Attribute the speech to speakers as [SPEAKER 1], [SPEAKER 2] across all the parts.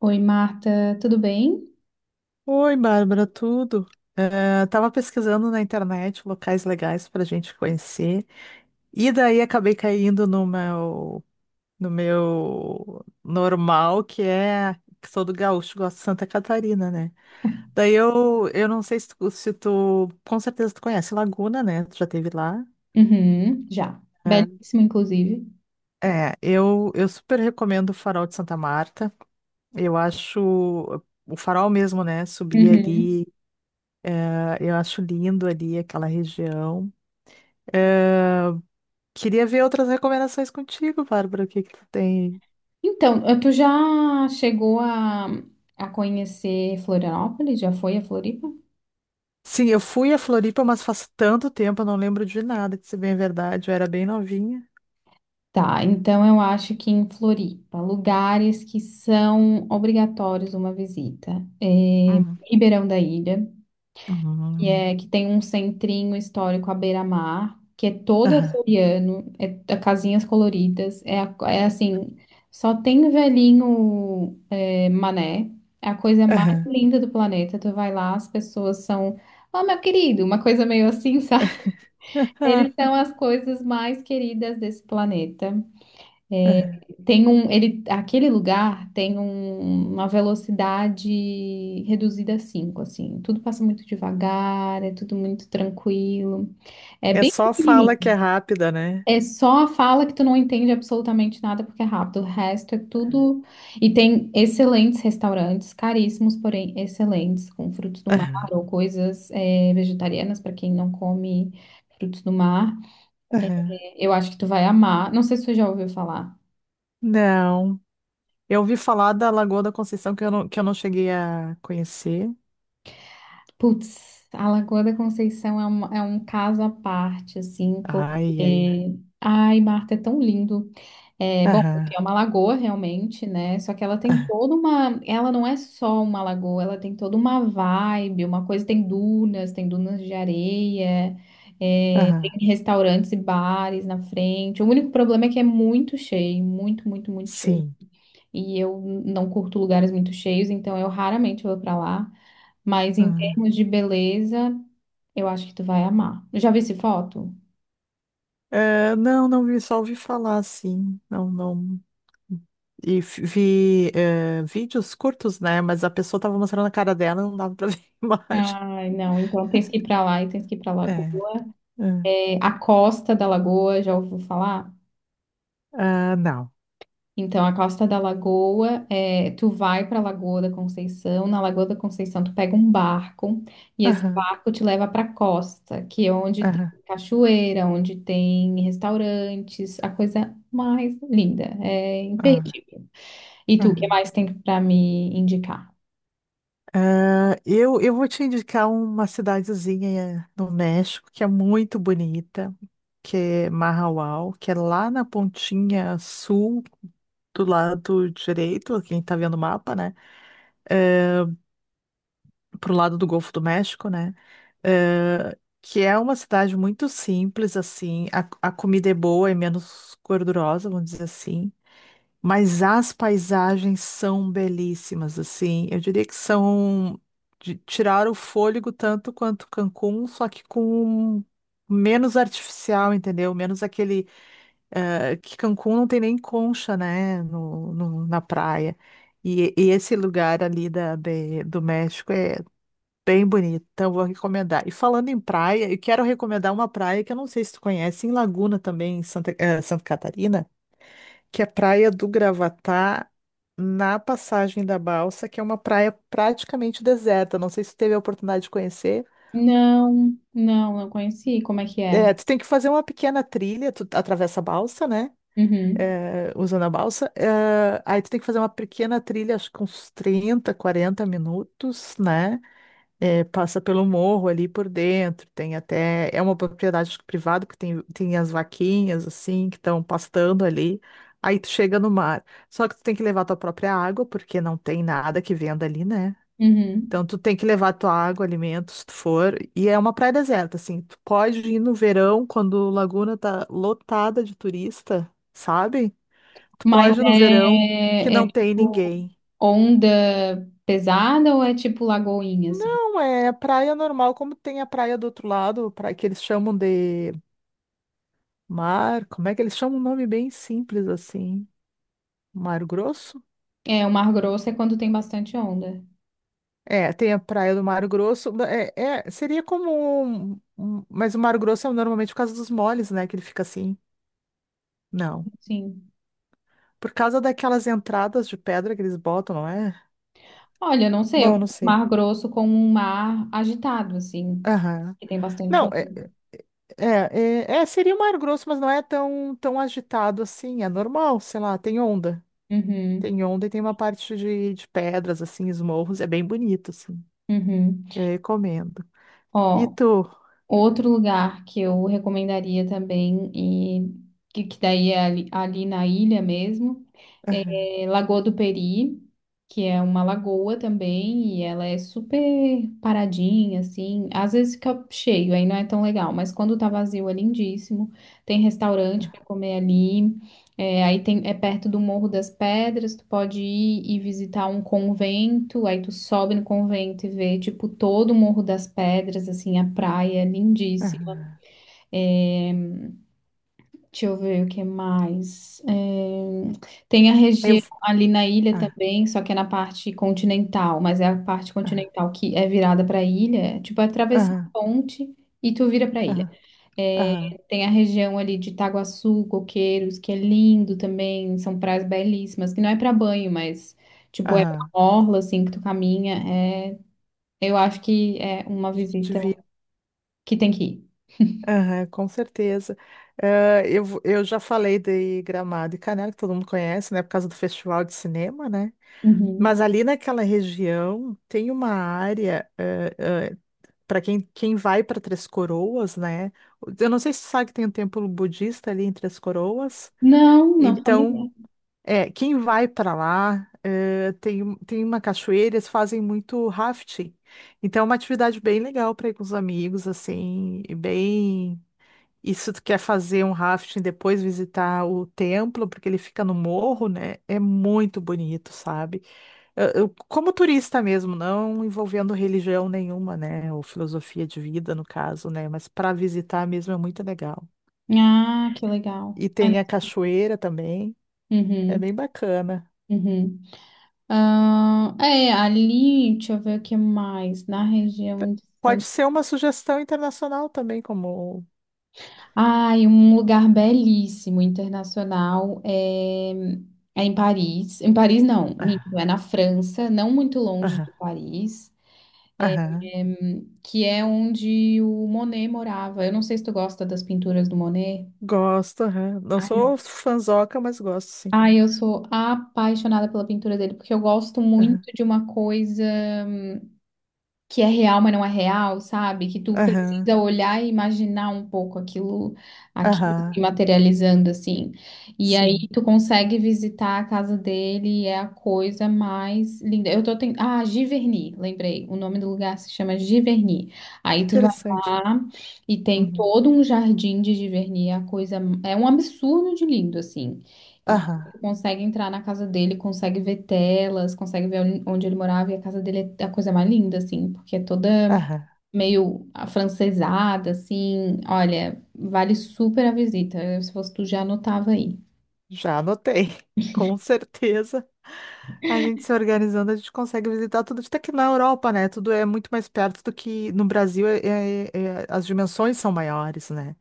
[SPEAKER 1] Oi, Marta, tudo bem?
[SPEAKER 2] Oi, Bárbara, tudo? Tava pesquisando na internet locais legais para gente conhecer e daí acabei caindo no meu normal, que é que sou do Gaúcho, gosto de Santa Catarina, né? Daí eu não sei se tu, se tu, com certeza tu conhece Laguna, né? Tu já esteve lá?
[SPEAKER 1] Uhum, já.
[SPEAKER 2] Eh,
[SPEAKER 1] Belíssimo, inclusive.
[SPEAKER 2] eu super recomendo o Farol de Santa Marta. Eu acho o farol mesmo, né? Subir
[SPEAKER 1] Uhum.
[SPEAKER 2] ali, eu acho lindo ali aquela região. Ah, queria ver outras recomendações contigo, Bárbara. O que que tu tem?
[SPEAKER 1] Então, tu já chegou a conhecer Florianópolis? Já foi a Floripa?
[SPEAKER 2] Sim, eu fui a Floripa, mas faz tanto tempo, eu não lembro de nada, de ser bem verdade. Eu era bem novinha.
[SPEAKER 1] Tá, então eu acho que em Floripa, lugares que são obrigatórios uma visita. É
[SPEAKER 2] Uhum,
[SPEAKER 1] Ribeirão da Ilha. Que
[SPEAKER 2] uhum,
[SPEAKER 1] é que tem um centrinho histórico à beira-mar, que é todo
[SPEAKER 2] aham,
[SPEAKER 1] açoriano, é casinhas coloridas, é, é assim, só tem velhinho, é mané, é a coisa mais
[SPEAKER 2] aham,
[SPEAKER 1] linda do planeta. Tu vai lá, as pessoas são, ó, meu querido, uma coisa meio assim, sabe? Eles são as coisas mais queridas desse planeta.
[SPEAKER 2] aham.
[SPEAKER 1] Tem um, ele, aquele lugar tem uma velocidade reduzida a 5, assim. Tudo passa muito devagar, é tudo muito tranquilo. É
[SPEAKER 2] É
[SPEAKER 1] bem
[SPEAKER 2] só fala que é
[SPEAKER 1] pequenininho.
[SPEAKER 2] rápida, né?
[SPEAKER 1] É só a fala que tu não entende absolutamente nada, porque é rápido. O resto é tudo. E tem excelentes restaurantes, caríssimos, porém excelentes, com frutos do mar
[SPEAKER 2] Aham,
[SPEAKER 1] ou coisas vegetarianas, para quem não come frutos do mar.
[SPEAKER 2] aham.
[SPEAKER 1] Eu acho que tu vai amar. Não sei se tu já ouviu falar.
[SPEAKER 2] Não. Eu ouvi falar da Lagoa da Conceição que eu não cheguei a conhecer.
[SPEAKER 1] Putz, a Lagoa da Conceição é, é um caso à parte, assim,
[SPEAKER 2] Ai, ai, ai.
[SPEAKER 1] porque. Ai, Marta, é tão lindo. É, bom,
[SPEAKER 2] Aham,
[SPEAKER 1] é uma lagoa realmente, né? Só que ela tem
[SPEAKER 2] aham,
[SPEAKER 1] toda uma. Ela não é só uma lagoa, ela tem toda uma vibe, uma coisa. Tem dunas de areia, é,
[SPEAKER 2] aham.
[SPEAKER 1] tem restaurantes e bares na frente. O único problema é que é muito cheio, muito, muito, muito cheio.
[SPEAKER 2] Sim.
[SPEAKER 1] E eu não curto lugares muito cheios, então eu raramente vou pra lá. Mas em termos de beleza, eu acho que tu vai amar. Já vi esse foto?
[SPEAKER 2] É, não, não vi, só ouvi falar assim. Não, não. E vi é, vídeos curtos, né? Mas a pessoa tava mostrando a cara dela, não dava pra ver a imagem.
[SPEAKER 1] Ai, não. Então tens que ir pra lá e tens que ir pra
[SPEAKER 2] É,
[SPEAKER 1] Lagoa.
[SPEAKER 2] é.
[SPEAKER 1] É, a Costa da Lagoa, já ouviu falar?
[SPEAKER 2] Ah, não.
[SPEAKER 1] Então, a Costa da Lagoa, é, tu vai pra Lagoa da Conceição. Na Lagoa da Conceição, tu pega um barco, e esse
[SPEAKER 2] Aham,
[SPEAKER 1] barco te leva pra costa, que é onde tem
[SPEAKER 2] aham,
[SPEAKER 1] cachoeira, onde tem restaurantes, a coisa mais linda. É
[SPEAKER 2] aham,
[SPEAKER 1] imperdível. E tu, o que
[SPEAKER 2] aham.
[SPEAKER 1] mais tem pra me indicar?
[SPEAKER 2] Ah, eu vou te indicar uma cidadezinha no México que é muito bonita, que é Mahahual, que é lá na pontinha sul do lado direito, quem tá vendo o mapa, né? É, pro lado do Golfo do México, né? Que é uma cidade muito simples, assim. A comida é boa, é menos gordurosa, vamos dizer assim. Mas as paisagens são belíssimas, assim. Eu diria que são de tirar o fôlego tanto quanto Cancún, só que com menos artificial, entendeu? Menos aquele que Cancún não tem nem concha, né, na praia. E esse lugar ali do México é bem bonita, então eu vou recomendar. E falando em praia, eu quero recomendar uma praia que eu não sei se tu conhece, em Laguna também, em Santa Catarina, que é a Praia do Gravatá, na Passagem da Balsa, que é uma praia praticamente deserta. Não sei se tu teve a oportunidade de conhecer.
[SPEAKER 1] Não, não, não conheci. Como é que é?
[SPEAKER 2] É, tu tem que fazer uma pequena trilha, tu atravessa a balsa, né?
[SPEAKER 1] Uhum,
[SPEAKER 2] É, usando a balsa. É, aí tu tem que fazer uma pequena trilha, acho que uns 30 40 minutos, né? É, passa pelo morro ali por dentro, tem até. É uma propriedade acho que privada, porque tem as vaquinhas, assim, que estão pastando ali. Aí tu chega no mar. Só que tu tem que levar tua própria água, porque não tem nada que venda ali, né?
[SPEAKER 1] uhum.
[SPEAKER 2] Então tu tem que levar tua água, alimentos, se tu for. E é uma praia deserta, assim. Tu pode ir no verão, quando Laguna tá lotada de turista, sabe? Tu
[SPEAKER 1] Mas
[SPEAKER 2] pode ir no verão que
[SPEAKER 1] é,
[SPEAKER 2] não
[SPEAKER 1] é
[SPEAKER 2] tem
[SPEAKER 1] tipo
[SPEAKER 2] ninguém.
[SPEAKER 1] onda pesada ou é tipo lagoinha, assim?
[SPEAKER 2] Não, é praia normal, como tem a praia do outro lado, praia que eles chamam de mar, como é que eles chamam um nome bem simples assim? Mar Grosso?
[SPEAKER 1] É, o Mar Grosso é quando tem bastante onda.
[SPEAKER 2] É, tem a praia do Mar Grosso, seria como mas o Mar Grosso é normalmente por causa dos moles, né, que ele fica assim. Não,
[SPEAKER 1] Como assim?
[SPEAKER 2] por causa daquelas entradas de pedra que eles botam, não é?
[SPEAKER 1] Olha, eu não sei, eu
[SPEAKER 2] Bom,
[SPEAKER 1] confundo
[SPEAKER 2] não sei.
[SPEAKER 1] Mar Grosso com um mar agitado, assim,
[SPEAKER 2] Aham.
[SPEAKER 1] que tem bastante
[SPEAKER 2] Não,
[SPEAKER 1] onda.
[SPEAKER 2] é, é, seria o Mar Grosso, mas não é tão, tão agitado assim, é normal, sei lá, tem onda.
[SPEAKER 1] Uhum,
[SPEAKER 2] Tem ontem, tem uma parte de pedras, assim, esmorros, é bem bonito, assim.
[SPEAKER 1] uhum.
[SPEAKER 2] Eu recomendo. E
[SPEAKER 1] Ó,
[SPEAKER 2] tu?
[SPEAKER 1] outro lugar que eu recomendaria também, e que daí é ali na ilha mesmo. É, Lagoa do Peri, que é uma lagoa também, e ela é super paradinha, assim. Às vezes fica cheio, aí não é tão legal, mas quando tá vazio é lindíssimo. Tem restaurante para comer ali. É, aí tem, é perto do Morro das Pedras, tu pode ir e visitar um convento, aí tu sobe no convento e vê, tipo, todo o Morro das Pedras, assim, a praia, é lindíssimo.
[SPEAKER 2] Aham.
[SPEAKER 1] Deixa eu ver o que mais. Tem a
[SPEAKER 2] Eu.
[SPEAKER 1] região
[SPEAKER 2] vou-
[SPEAKER 1] ali na ilha
[SPEAKER 2] Ah,
[SPEAKER 1] também, só que é na parte continental, mas é a parte
[SPEAKER 2] ah,
[SPEAKER 1] continental que é virada para a ilha, é tipo atravessar a
[SPEAKER 2] ah,
[SPEAKER 1] ponte e tu vira para a ilha.
[SPEAKER 2] ah,
[SPEAKER 1] Eh,
[SPEAKER 2] ah,
[SPEAKER 1] Tem a região ali de Itaguaçu, Coqueiros, que é lindo também, são praias belíssimas, que não é para banho, mas tipo é uma
[SPEAKER 2] ah.
[SPEAKER 1] orla assim que tu caminha. É... Eu acho que é uma visita
[SPEAKER 2] Devia.
[SPEAKER 1] que tem que ir.
[SPEAKER 2] Aham, com certeza. Ah, eu já falei de Gramado e Canela, que todo mundo conhece, né? Por causa do festival de cinema, né?
[SPEAKER 1] Uhum.
[SPEAKER 2] Mas ali naquela região tem uma área, para quem vai para Três Coroas, né? Eu não sei se tu sabe que tem um templo budista ali em Três Coroas.
[SPEAKER 1] Não, não, família.
[SPEAKER 2] Então, é, quem vai para lá, tem uma cachoeira, eles fazem muito rafting. Então, é uma atividade bem legal para ir com os amigos, assim, e bem. E se tu quer fazer um rafting depois visitar o templo, porque ele fica no morro, né? É muito bonito, sabe? Como turista mesmo, não envolvendo religião nenhuma, né? Ou filosofia de vida, no caso, né? Mas para visitar mesmo é muito legal.
[SPEAKER 1] Ah, que legal.
[SPEAKER 2] E tem a cachoeira também, é
[SPEAKER 1] Uhum,
[SPEAKER 2] bem bacana.
[SPEAKER 1] uhum. Ah, é, ali, deixa eu ver o que mais, na região de
[SPEAKER 2] Pode ser
[SPEAKER 1] Santa...
[SPEAKER 2] uma sugestão internacional também, como.
[SPEAKER 1] Ai, um lugar belíssimo, internacional, é, é em Paris. Em Paris, não, minto,
[SPEAKER 2] Aham,
[SPEAKER 1] é na França, não muito longe
[SPEAKER 2] aham,
[SPEAKER 1] de Paris, é,
[SPEAKER 2] aham.
[SPEAKER 1] é, que é onde o Monet morava. Eu não sei se tu gosta das pinturas do Monet.
[SPEAKER 2] Gosto, aham. Não
[SPEAKER 1] Ai, eu
[SPEAKER 2] sou fanzoca, mas gosto, sim.
[SPEAKER 1] ai, eu sou apaixonada pela pintura dele, porque eu gosto
[SPEAKER 2] Aham,
[SPEAKER 1] muito de uma coisa... que é real, mas não é real, sabe? Que tu
[SPEAKER 2] aham,
[SPEAKER 1] precisa olhar e imaginar um pouco aquilo, aquilo
[SPEAKER 2] aham,
[SPEAKER 1] se materializando assim. E aí
[SPEAKER 2] sim.
[SPEAKER 1] tu consegue visitar a casa dele e é a coisa mais linda. Eu tô tentando... Ah, Giverny, lembrei. O nome do lugar se chama Giverny.
[SPEAKER 2] Que
[SPEAKER 1] Aí tu vai
[SPEAKER 2] interessante.
[SPEAKER 1] lá e tem
[SPEAKER 2] Uhum.
[SPEAKER 1] todo um jardim de Giverny, é a coisa, é um absurdo de lindo assim.
[SPEAKER 2] Aham,
[SPEAKER 1] Tu consegue entrar na casa dele, consegue ver telas, consegue ver onde ele morava, e a casa dele é a coisa mais linda, assim, porque é toda
[SPEAKER 2] aham.
[SPEAKER 1] meio afrancesada, assim. Olha, vale super a visita. Eu, se fosse tu, já anotava aí.
[SPEAKER 2] Já anotei. Com certeza. A gente se organizando, a gente consegue visitar tudo. Até que na Europa, né? Tudo é muito mais perto do que no Brasil, as dimensões são maiores, né?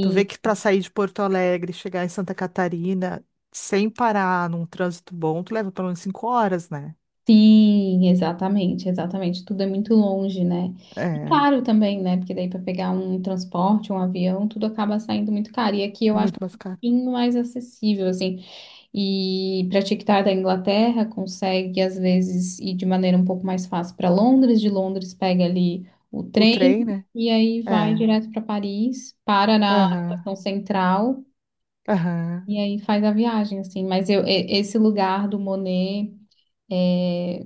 [SPEAKER 2] Tu vê que para sair de Porto Alegre, e chegar em Santa Catarina, sem parar num trânsito bom, tu leva pelo menos 5 horas, né?
[SPEAKER 1] sim, exatamente, exatamente. Tudo é muito longe, né? E
[SPEAKER 2] É,
[SPEAKER 1] caro também, né? Porque daí para pegar um transporte, um avião, tudo acaba saindo muito caro. E aqui eu acho
[SPEAKER 2] muito mais
[SPEAKER 1] um
[SPEAKER 2] caro.
[SPEAKER 1] pouquinho mais acessível, assim. E para TikTok da Inglaterra, consegue às vezes ir de maneira um pouco mais fácil para Londres, de Londres pega ali o
[SPEAKER 2] O
[SPEAKER 1] trem
[SPEAKER 2] trem, né?
[SPEAKER 1] e aí vai
[SPEAKER 2] É.
[SPEAKER 1] direto para Paris, para na
[SPEAKER 2] Aham,
[SPEAKER 1] estação central
[SPEAKER 2] aham.
[SPEAKER 1] e aí faz a viagem assim. Mas eu, esse lugar do Monet eh,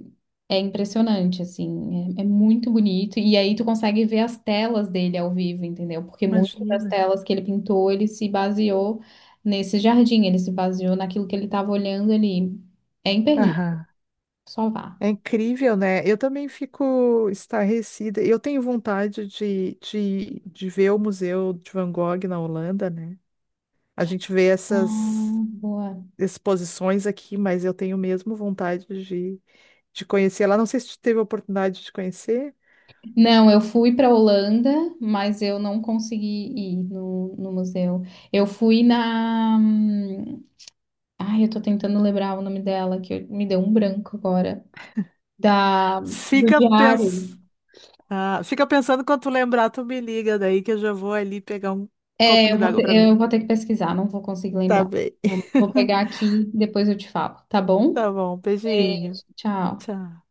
[SPEAKER 1] é impressionante, assim, é muito bonito. E aí tu consegue ver as telas dele ao vivo, entendeu? Porque muitas das
[SPEAKER 2] Imagina.
[SPEAKER 1] telas que ele pintou, ele se baseou nesse jardim, ele se baseou naquilo que ele estava olhando ali. É imperdível,
[SPEAKER 2] Aham.
[SPEAKER 1] só vá.
[SPEAKER 2] É incrível, né? Eu também fico estarrecida. Eu tenho vontade de ver o Museu de Van Gogh na Holanda, né? A gente vê essas
[SPEAKER 1] Ah, boa.
[SPEAKER 2] exposições aqui, mas eu tenho mesmo vontade de conhecer lá. Não sei se tu teve a oportunidade de conhecer.
[SPEAKER 1] Não, eu fui para Holanda, mas eu não consegui ir no, no museu. Eu fui na. Ai, eu tô tentando lembrar o nome dela, que me deu um branco agora. Da, do
[SPEAKER 2] Fica, pens...
[SPEAKER 1] diário.
[SPEAKER 2] Fica pensando quando tu lembrar, tu me liga daí que eu já vou ali pegar um
[SPEAKER 1] É,
[SPEAKER 2] copinho d'água pra
[SPEAKER 1] eu
[SPEAKER 2] mim.
[SPEAKER 1] vou ter que pesquisar, não vou conseguir
[SPEAKER 2] Tá
[SPEAKER 1] lembrar.
[SPEAKER 2] bem.
[SPEAKER 1] Vou, vou pegar aqui, depois eu te falo, tá bom?
[SPEAKER 2] Tá bom, beijinho.
[SPEAKER 1] Beijo, tchau.
[SPEAKER 2] Tchau.